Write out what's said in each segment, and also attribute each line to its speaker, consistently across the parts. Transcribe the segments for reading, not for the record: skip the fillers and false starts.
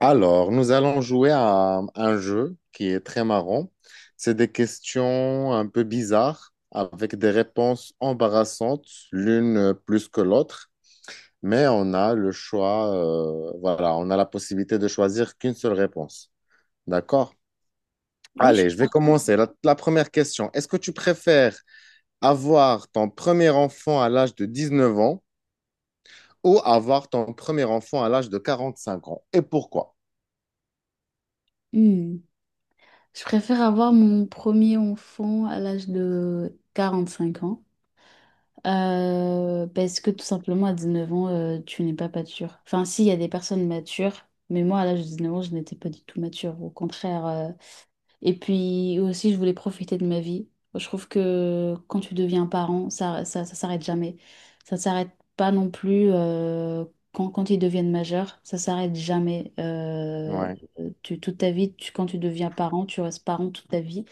Speaker 1: Alors, nous allons jouer à un jeu qui est très marrant. C'est des questions un peu bizarres avec des réponses embarrassantes, l'une plus que l'autre, mais on a le choix, voilà, on a la possibilité de choisir qu'une seule réponse. D'accord?
Speaker 2: Oui, je...
Speaker 1: Allez, je vais commencer. La première question, est-ce que tu préfères avoir ton premier enfant à l'âge de 19 ans ou avoir ton premier enfant à l'âge de 45 ans? Et pourquoi?
Speaker 2: Hmm. Je préfère avoir mon premier enfant à l'âge de 45 ans, parce que tout simplement, à 19 ans, tu n'es pas mature. Enfin, si, il y a des personnes matures, mais moi, à l'âge de 19 ans, je n'étais pas du tout mature. Au contraire, et puis aussi, je voulais profiter de ma vie. Je trouve que quand tu deviens parent, ça s'arrête jamais. Ça ne s'arrête pas non plus quand ils deviennent majeurs. Ça s'arrête jamais.
Speaker 1: Ouais.
Speaker 2: Toute ta vie, quand tu deviens parent, tu restes parent toute ta vie.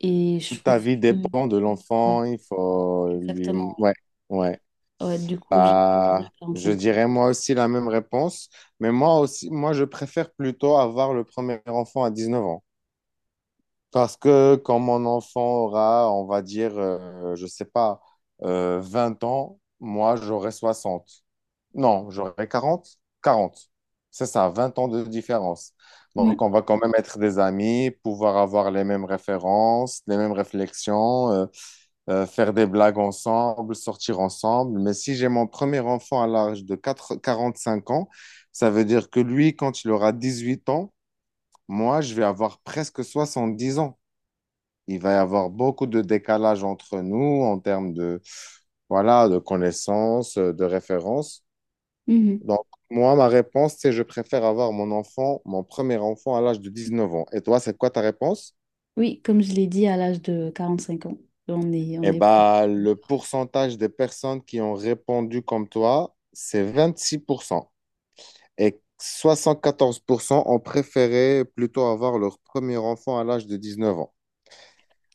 Speaker 2: Et je
Speaker 1: Toute
Speaker 2: trouve
Speaker 1: ta vie
Speaker 2: que-
Speaker 1: dépend de
Speaker 2: ouais,
Speaker 1: l'enfant, il faut lui.
Speaker 2: exactement.
Speaker 1: Ouais, ouais.
Speaker 2: Ouais, du coup, je vais dire
Speaker 1: Bah, je
Speaker 2: 45 ans.
Speaker 1: dirais moi aussi la même réponse, mais moi aussi, moi je préfère plutôt avoir le premier enfant à 19 ans. Parce que quand mon enfant aura, on va dire, je sais pas, 20 ans, moi j'aurai 60. Non, j'aurai quarante. C'est ça, 20 ans de différence.
Speaker 2: Ouais.
Speaker 1: Donc on va quand même être des amis, pouvoir avoir les mêmes références, les mêmes réflexions. Faire des blagues ensemble, sortir ensemble. Mais si j'ai mon premier enfant à l'âge de 4 45 ans, ça veut dire que lui, quand il aura 18 ans, moi, je vais avoir presque 70 ans. Il va y avoir beaucoup de décalage entre nous en termes de, voilà, de connaissances, de références.
Speaker 2: Mhm.
Speaker 1: Donc, moi, ma réponse, c'est je préfère avoir mon enfant, mon premier enfant à l'âge de 19 ans. Et toi, c'est quoi ta réponse?
Speaker 2: Oui, comme je l'ai dit, à l'âge de 45 ans, on est, on
Speaker 1: Eh
Speaker 2: est...
Speaker 1: ben, le pourcentage des personnes qui ont répondu comme toi, c'est 26%. Et 74% ont préféré plutôt avoir leur premier enfant à l'âge de 19 ans.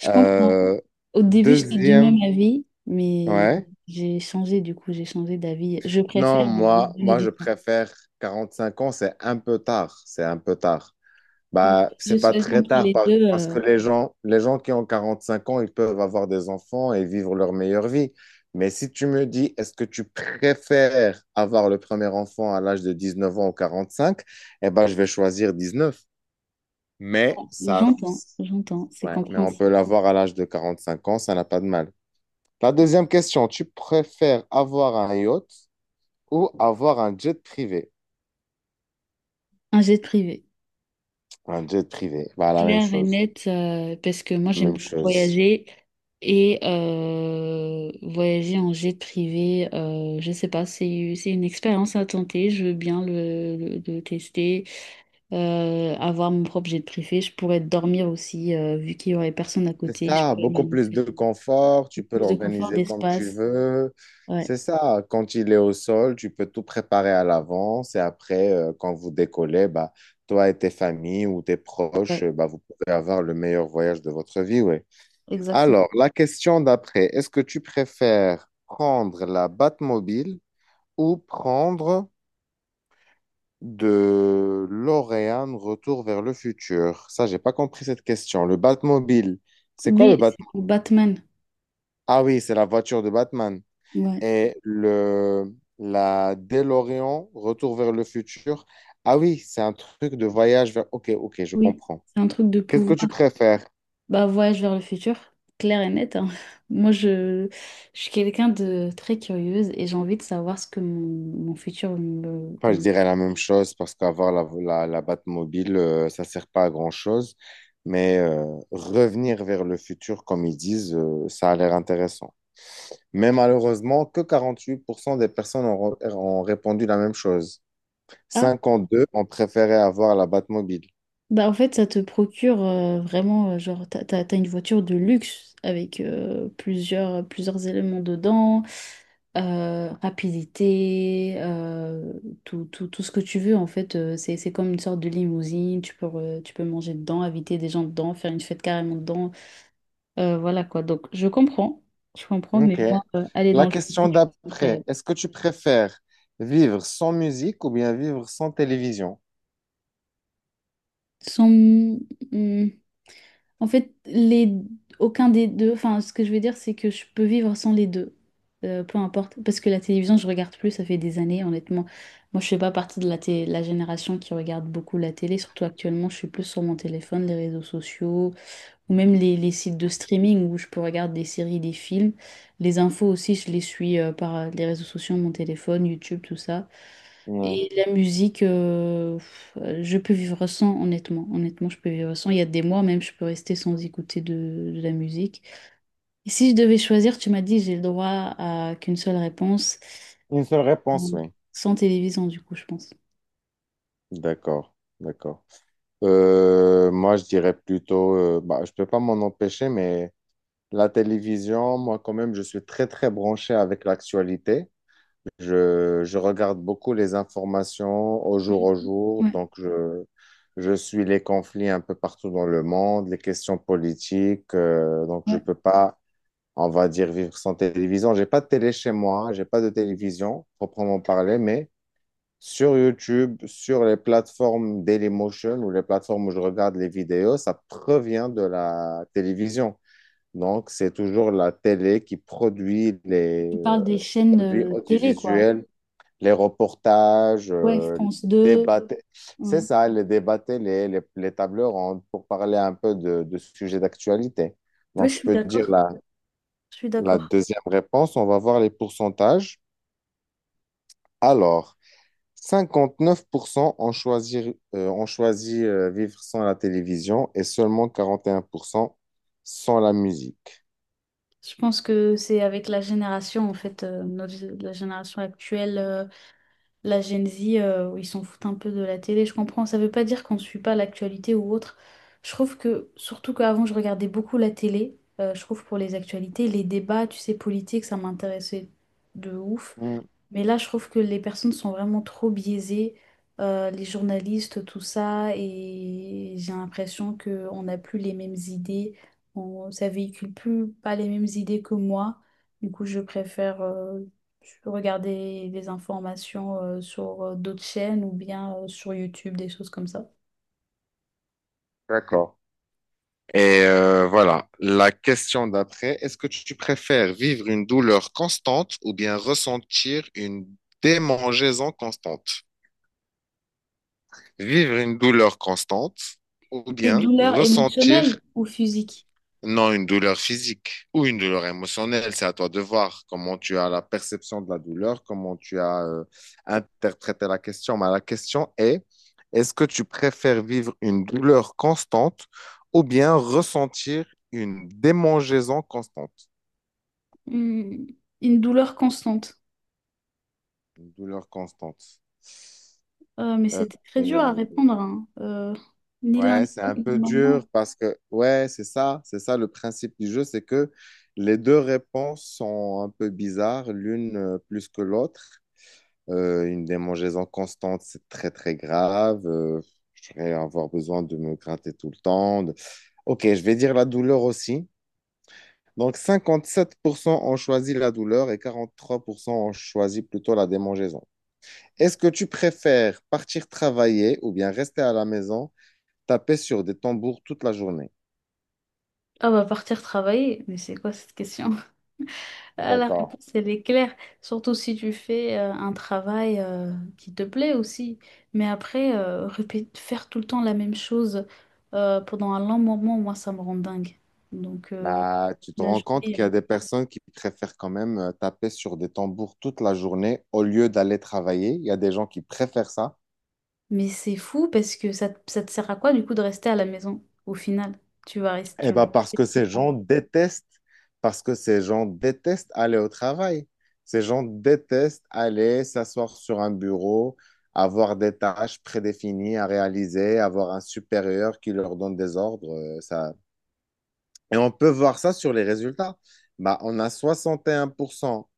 Speaker 2: Je comprends.
Speaker 1: Euh,
Speaker 2: Au début, j'étais du
Speaker 1: deuxième,
Speaker 2: même avis, mais
Speaker 1: ouais.
Speaker 2: j'ai changé, du coup, j'ai changé d'avis. Je
Speaker 1: Non,
Speaker 2: préfère me
Speaker 1: moi,
Speaker 2: donner
Speaker 1: moi,
Speaker 2: du
Speaker 1: je
Speaker 2: temps.
Speaker 1: préfère 45 ans, c'est un peu tard. C'est un peu tard.
Speaker 2: Mm.
Speaker 1: Bah,
Speaker 2: Je
Speaker 1: c'est pas
Speaker 2: choisis
Speaker 1: très
Speaker 2: entre
Speaker 1: tard
Speaker 2: les deux.
Speaker 1: parce que les gens qui ont 45 ans, ils peuvent avoir des enfants et vivre leur meilleure vie. Mais si tu me dis, est-ce que tu préfères avoir le premier enfant à l'âge de 19 ans ou 45, eh ben, je vais choisir 19. Mais
Speaker 2: Bon,
Speaker 1: ça,
Speaker 2: j'entends, j'entends, c'est
Speaker 1: ouais, mais on
Speaker 2: compréhensible.
Speaker 1: peut l'avoir à l'âge de 45 ans, ça n'a pas de mal. La deuxième question, tu préfères avoir un yacht ou avoir un jet privé?
Speaker 2: Un jet privé.
Speaker 1: Un jet privé, bah, la même
Speaker 2: Claire et
Speaker 1: chose,
Speaker 2: nette, parce que moi j'aime
Speaker 1: même
Speaker 2: beaucoup
Speaker 1: chose.
Speaker 2: voyager et, voyager en jet privé, je sais pas, c'est une expérience à tenter, je veux bien le tester, avoir mon propre jet privé, je pourrais dormir aussi, vu qu'il y aurait personne à
Speaker 1: C'est
Speaker 2: côté, je
Speaker 1: ça,
Speaker 2: pourrais
Speaker 1: beaucoup plus
Speaker 2: m'allonger.
Speaker 1: de confort, tu peux
Speaker 2: Plus de confort
Speaker 1: l'organiser comme tu
Speaker 2: d'espace.
Speaker 1: veux.
Speaker 2: Ouais,
Speaker 1: C'est ça, quand il est au sol, tu peux tout préparer à l'avance et après, quand vous décollez, bah, toi et tes familles ou tes proches,
Speaker 2: ouais,
Speaker 1: bah, vous pouvez avoir le meilleur voyage de votre vie, oui.
Speaker 2: exactement.
Speaker 1: Alors, la question d'après, est-ce que tu préfères prendre la Batmobile ou prendre de l'Oréane Retour vers le futur? Ça, j'ai pas compris cette question. Le Batmobile, c'est quoi le
Speaker 2: Oui, c'est pour Batman.
Speaker 1: Ah oui, c'est la voiture de Batman.
Speaker 2: Ouais,
Speaker 1: Et le, la DeLorean, Retour vers le futur. Ah oui, c'est un truc de voyage vers. Ok, ok, je
Speaker 2: oui,
Speaker 1: comprends.
Speaker 2: c'est un truc de
Speaker 1: Qu'est-ce que tu
Speaker 2: pouvoir.
Speaker 1: préfères?
Speaker 2: Bah, voyage vers le futur, clair et net, hein. Moi, je, je suis quelqu'un de très curieuse et j'ai envie de savoir ce que mon futur me...
Speaker 1: Enfin, je dirais la même chose parce qu'avoir la Batmobile, ça sert pas à grand-chose. Mais revenir vers le futur, comme ils disent, ça a l'air intéressant. Mais malheureusement, que 48% des personnes ont répondu la même chose.
Speaker 2: Ah,
Speaker 1: 52 ont préféré avoir la Batmobile.
Speaker 2: bah en fait, ça te procure, vraiment, genre, t'as une voiture de luxe avec, plusieurs éléments dedans, rapidité, tout ce que tu veux, en fait, c'est comme une sorte de limousine, tu peux, tu peux manger dedans, inviter des gens dedans, faire une fête carrément dedans. Voilà quoi. Donc, je comprends. Je comprends, mais
Speaker 1: Ok.
Speaker 2: moi, aller dans
Speaker 1: La
Speaker 2: le
Speaker 1: question
Speaker 2: futur, je trouve ça
Speaker 1: d'après,
Speaker 2: incroyable.
Speaker 1: est-ce que tu préfères vivre sans musique ou bien vivre sans télévision?
Speaker 2: Sans- hmm, en fait, les... aucun des deux. Enfin, ce que je veux dire, c'est que je peux vivre sans les deux. Peu importe. Parce que la télévision, je regarde plus, ça fait des années, honnêtement. Moi, je fais pas partie de la génération qui regarde beaucoup la télé, surtout actuellement. Je suis plus sur mon téléphone, les réseaux sociaux, ou même les sites de streaming où je peux regarder des séries, des films. Les infos aussi, je les suis, par les réseaux sociaux, mon téléphone, YouTube, tout ça.
Speaker 1: Ouais.
Speaker 2: Et la musique, je peux vivre sans, honnêtement. Honnêtement, je peux vivre sans. Il y a des mois même, je peux rester sans écouter de la musique. Et si je devais choisir, tu m'as dit, j'ai le droit à qu'une seule réponse.
Speaker 1: Une seule réponse,
Speaker 2: Bon,
Speaker 1: oui.
Speaker 2: sans télévision, du coup, je pense.
Speaker 1: D'accord, d'accord. Moi, je dirais plutôt, bah, je peux pas m'en empêcher, mais la télévision, moi, quand même, je suis très, très branché avec l'actualité. Je regarde beaucoup les informations au
Speaker 2: Mhm.
Speaker 1: jour,
Speaker 2: Ouais,
Speaker 1: donc je suis les conflits un peu partout dans le monde, les questions politiques, donc je
Speaker 2: ouais.
Speaker 1: peux pas on va dire vivre sans télévision. J'ai pas de télé chez moi, j'ai pas de télévision proprement parler, mais sur YouTube, sur les plateformes Dailymotion ou les plateformes où je regarde les vidéos, ça provient de la télévision. Donc, c'est toujours la télé qui produit les
Speaker 2: Tu parles des chaînes,
Speaker 1: produits
Speaker 2: télé, quoi.
Speaker 1: audiovisuels, les reportages,
Speaker 2: Ouais,
Speaker 1: les
Speaker 2: France 2.
Speaker 1: débats. t- C'est
Speaker 2: Ouais.
Speaker 1: ça, les débats télé, les tables rondes pour parler un peu de sujets d'actualité. Donc, je peux dire la deuxième réponse, on va voir les pourcentages. Alors, 59% ont choisi vivre sans la télévision et seulement 41% sans la musique.
Speaker 2: Je pense que c'est avec la génération, en fait, la génération actuelle, la Gen Z, où ils s'en foutent un peu de la télé, je comprends. Ça veut pas dire qu'on ne suit pas l'actualité ou autre. Je trouve que, surtout qu'avant, je regardais beaucoup la télé, je trouve pour les actualités, les débats, tu sais, politiques, ça m'intéressait de ouf.
Speaker 1: Hmm,
Speaker 2: Mais là, je trouve que les personnes sont vraiment trop biaisées, les journalistes, tout ça, et j'ai l'impression qu'on n'a plus les mêmes idées, ça véhicule plus pas les mêmes idées que moi. Du coup, je préfère regarder des informations, sur d'autres chaînes ou bien sur YouTube, des choses comme ça.
Speaker 1: d'accord. Et voilà, la question d'après, est-ce que tu préfères vivre une douleur constante ou bien ressentir une démangeaison constante? Vivre une douleur constante ou
Speaker 2: Des
Speaker 1: bien
Speaker 2: douleurs émotionnelles
Speaker 1: ressentir.
Speaker 2: ou physiques?
Speaker 1: Non, une douleur physique ou une douleur émotionnelle, c'est à toi de voir comment tu as la perception de la douleur, comment tu as interprété la question. Mais la question est, est-ce que tu préfères vivre une douleur constante ou bien ressentir une démangeaison constante?
Speaker 2: Hmm, une douleur constante.
Speaker 1: Une douleur constante.
Speaker 2: Mais
Speaker 1: Euh,
Speaker 2: c'était très dur à
Speaker 1: euh,
Speaker 2: répondre, hein. Ni l'un
Speaker 1: ouais,
Speaker 2: ni
Speaker 1: c'est un
Speaker 2: l'autre,
Speaker 1: peu
Speaker 2: normalement.
Speaker 1: dur parce que, ouais, c'est ça le principe du jeu, c'est que les deux réponses sont un peu bizarres, l'une plus que l'autre. Une démangeaison constante, c'est très, très grave. Je vais avoir besoin de me gratter tout le temps. Ok, je vais dire la douleur aussi. Donc, 57% ont choisi la douleur et 43% ont choisi plutôt la démangeaison. Est-ce que tu préfères partir travailler ou bien rester à la maison, taper sur des tambours toute la journée?
Speaker 2: Ah bah partir travailler, mais c'est quoi cette question? Ah, la
Speaker 1: D'accord.
Speaker 2: réponse, elle est claire, surtout si tu fais, un travail, qui te plaît aussi. Mais après, faire tout le temps la même chose, pendant un long moment, moi, ça me rend dingue. Donc,
Speaker 1: Bah, tu te
Speaker 2: la
Speaker 1: rends compte
Speaker 2: journée,
Speaker 1: qu'il
Speaker 2: là.
Speaker 1: y a des personnes qui préfèrent quand même taper sur des tambours toute la journée au lieu d'aller travailler. Il y a des gens qui préfèrent ça.
Speaker 2: Mais c'est fou parce que ça te sert à quoi du coup de rester à la maison au final?
Speaker 1: Eh
Speaker 2: Tu vas
Speaker 1: ben parce que
Speaker 2: rester tout le
Speaker 1: ces
Speaker 2: temps.
Speaker 1: gens détestent, parce que ces gens détestent aller au travail. Ces gens détestent aller s'asseoir sur un bureau, avoir des tâches prédéfinies à réaliser, avoir un supérieur qui leur donne des ordres. Et on peut voir ça sur les résultats. Bah, on a 61%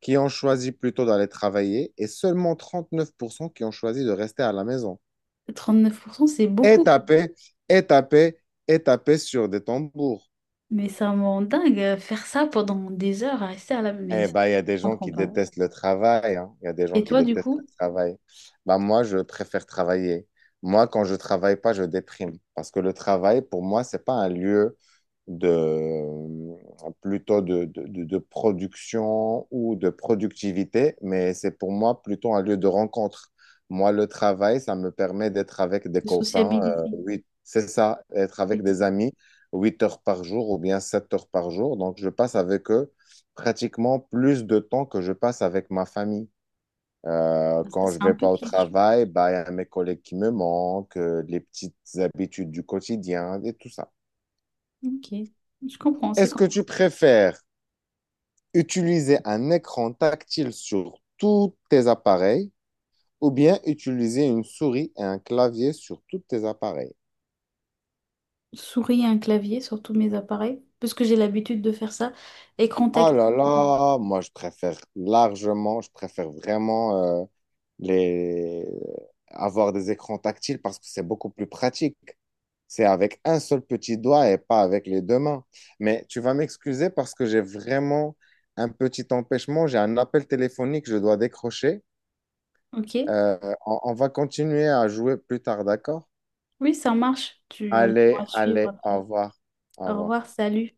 Speaker 1: qui ont choisi plutôt d'aller travailler et seulement 39% qui ont choisi de rester à la maison
Speaker 2: 39%, c'est
Speaker 1: et
Speaker 2: beaucoup,
Speaker 1: taper, et taper, et taper sur des tambours.
Speaker 2: mais ça me rend dingue, faire ça pendant des heures à rester à la
Speaker 1: Eh
Speaker 2: maison.
Speaker 1: ben, il y
Speaker 2: Mais je
Speaker 1: a des gens
Speaker 2: comprends
Speaker 1: qui
Speaker 2: pas.
Speaker 1: détestent le travail, hein. Il y a des gens
Speaker 2: Et
Speaker 1: qui
Speaker 2: toi, du
Speaker 1: détestent le
Speaker 2: coup,
Speaker 1: travail. Ben, moi, je préfère travailler. Moi, quand je travaille pas, je déprime. Parce que le travail, pour moi, c'est pas un lieu de, plutôt de production ou de productivité, mais c'est pour moi plutôt un lieu de rencontre. Moi, le travail, ça me permet d'être avec des
Speaker 2: de
Speaker 1: copains,
Speaker 2: sociabilité.
Speaker 1: oui, c'est ça, être avec des
Speaker 2: Et
Speaker 1: amis, 8 heures par jour ou bien 7 heures par jour. Donc, je passe avec eux pratiquement plus de temps que je passe avec ma famille.
Speaker 2: ça,
Speaker 1: Quand je
Speaker 2: c'est un
Speaker 1: vais
Speaker 2: peu
Speaker 1: pas au
Speaker 2: cliché.
Speaker 1: travail, bah, il y a mes collègues qui me manquent, les petites habitudes du quotidien et tout ça.
Speaker 2: Ok, je comprends. C'est
Speaker 1: Est-ce
Speaker 2: quand
Speaker 1: que tu préfères utiliser un écran tactile sur tous tes appareils ou bien utiliser une souris et un clavier sur tous tes appareils?
Speaker 2: je souris à un clavier, sur tous mes appareils, parce que j'ai l'habitude de faire ça, et
Speaker 1: Ah
Speaker 2: contact.
Speaker 1: là là, moi je préfère largement, je préfère vraiment les... avoir des écrans tactiles parce que c'est beaucoup plus pratique. C'est avec un seul petit doigt et pas avec les deux mains. Mais tu vas m'excuser parce que j'ai vraiment un petit empêchement. J'ai un appel téléphonique, je dois décrocher.
Speaker 2: Ok,
Speaker 1: Euh, on va continuer à jouer plus tard, d'accord?
Speaker 2: oui, ça marche. Tu, on
Speaker 1: Allez,
Speaker 2: pourra suivre
Speaker 1: allez, au
Speaker 2: après.
Speaker 1: revoir. Au
Speaker 2: Au
Speaker 1: revoir.
Speaker 2: revoir, salut.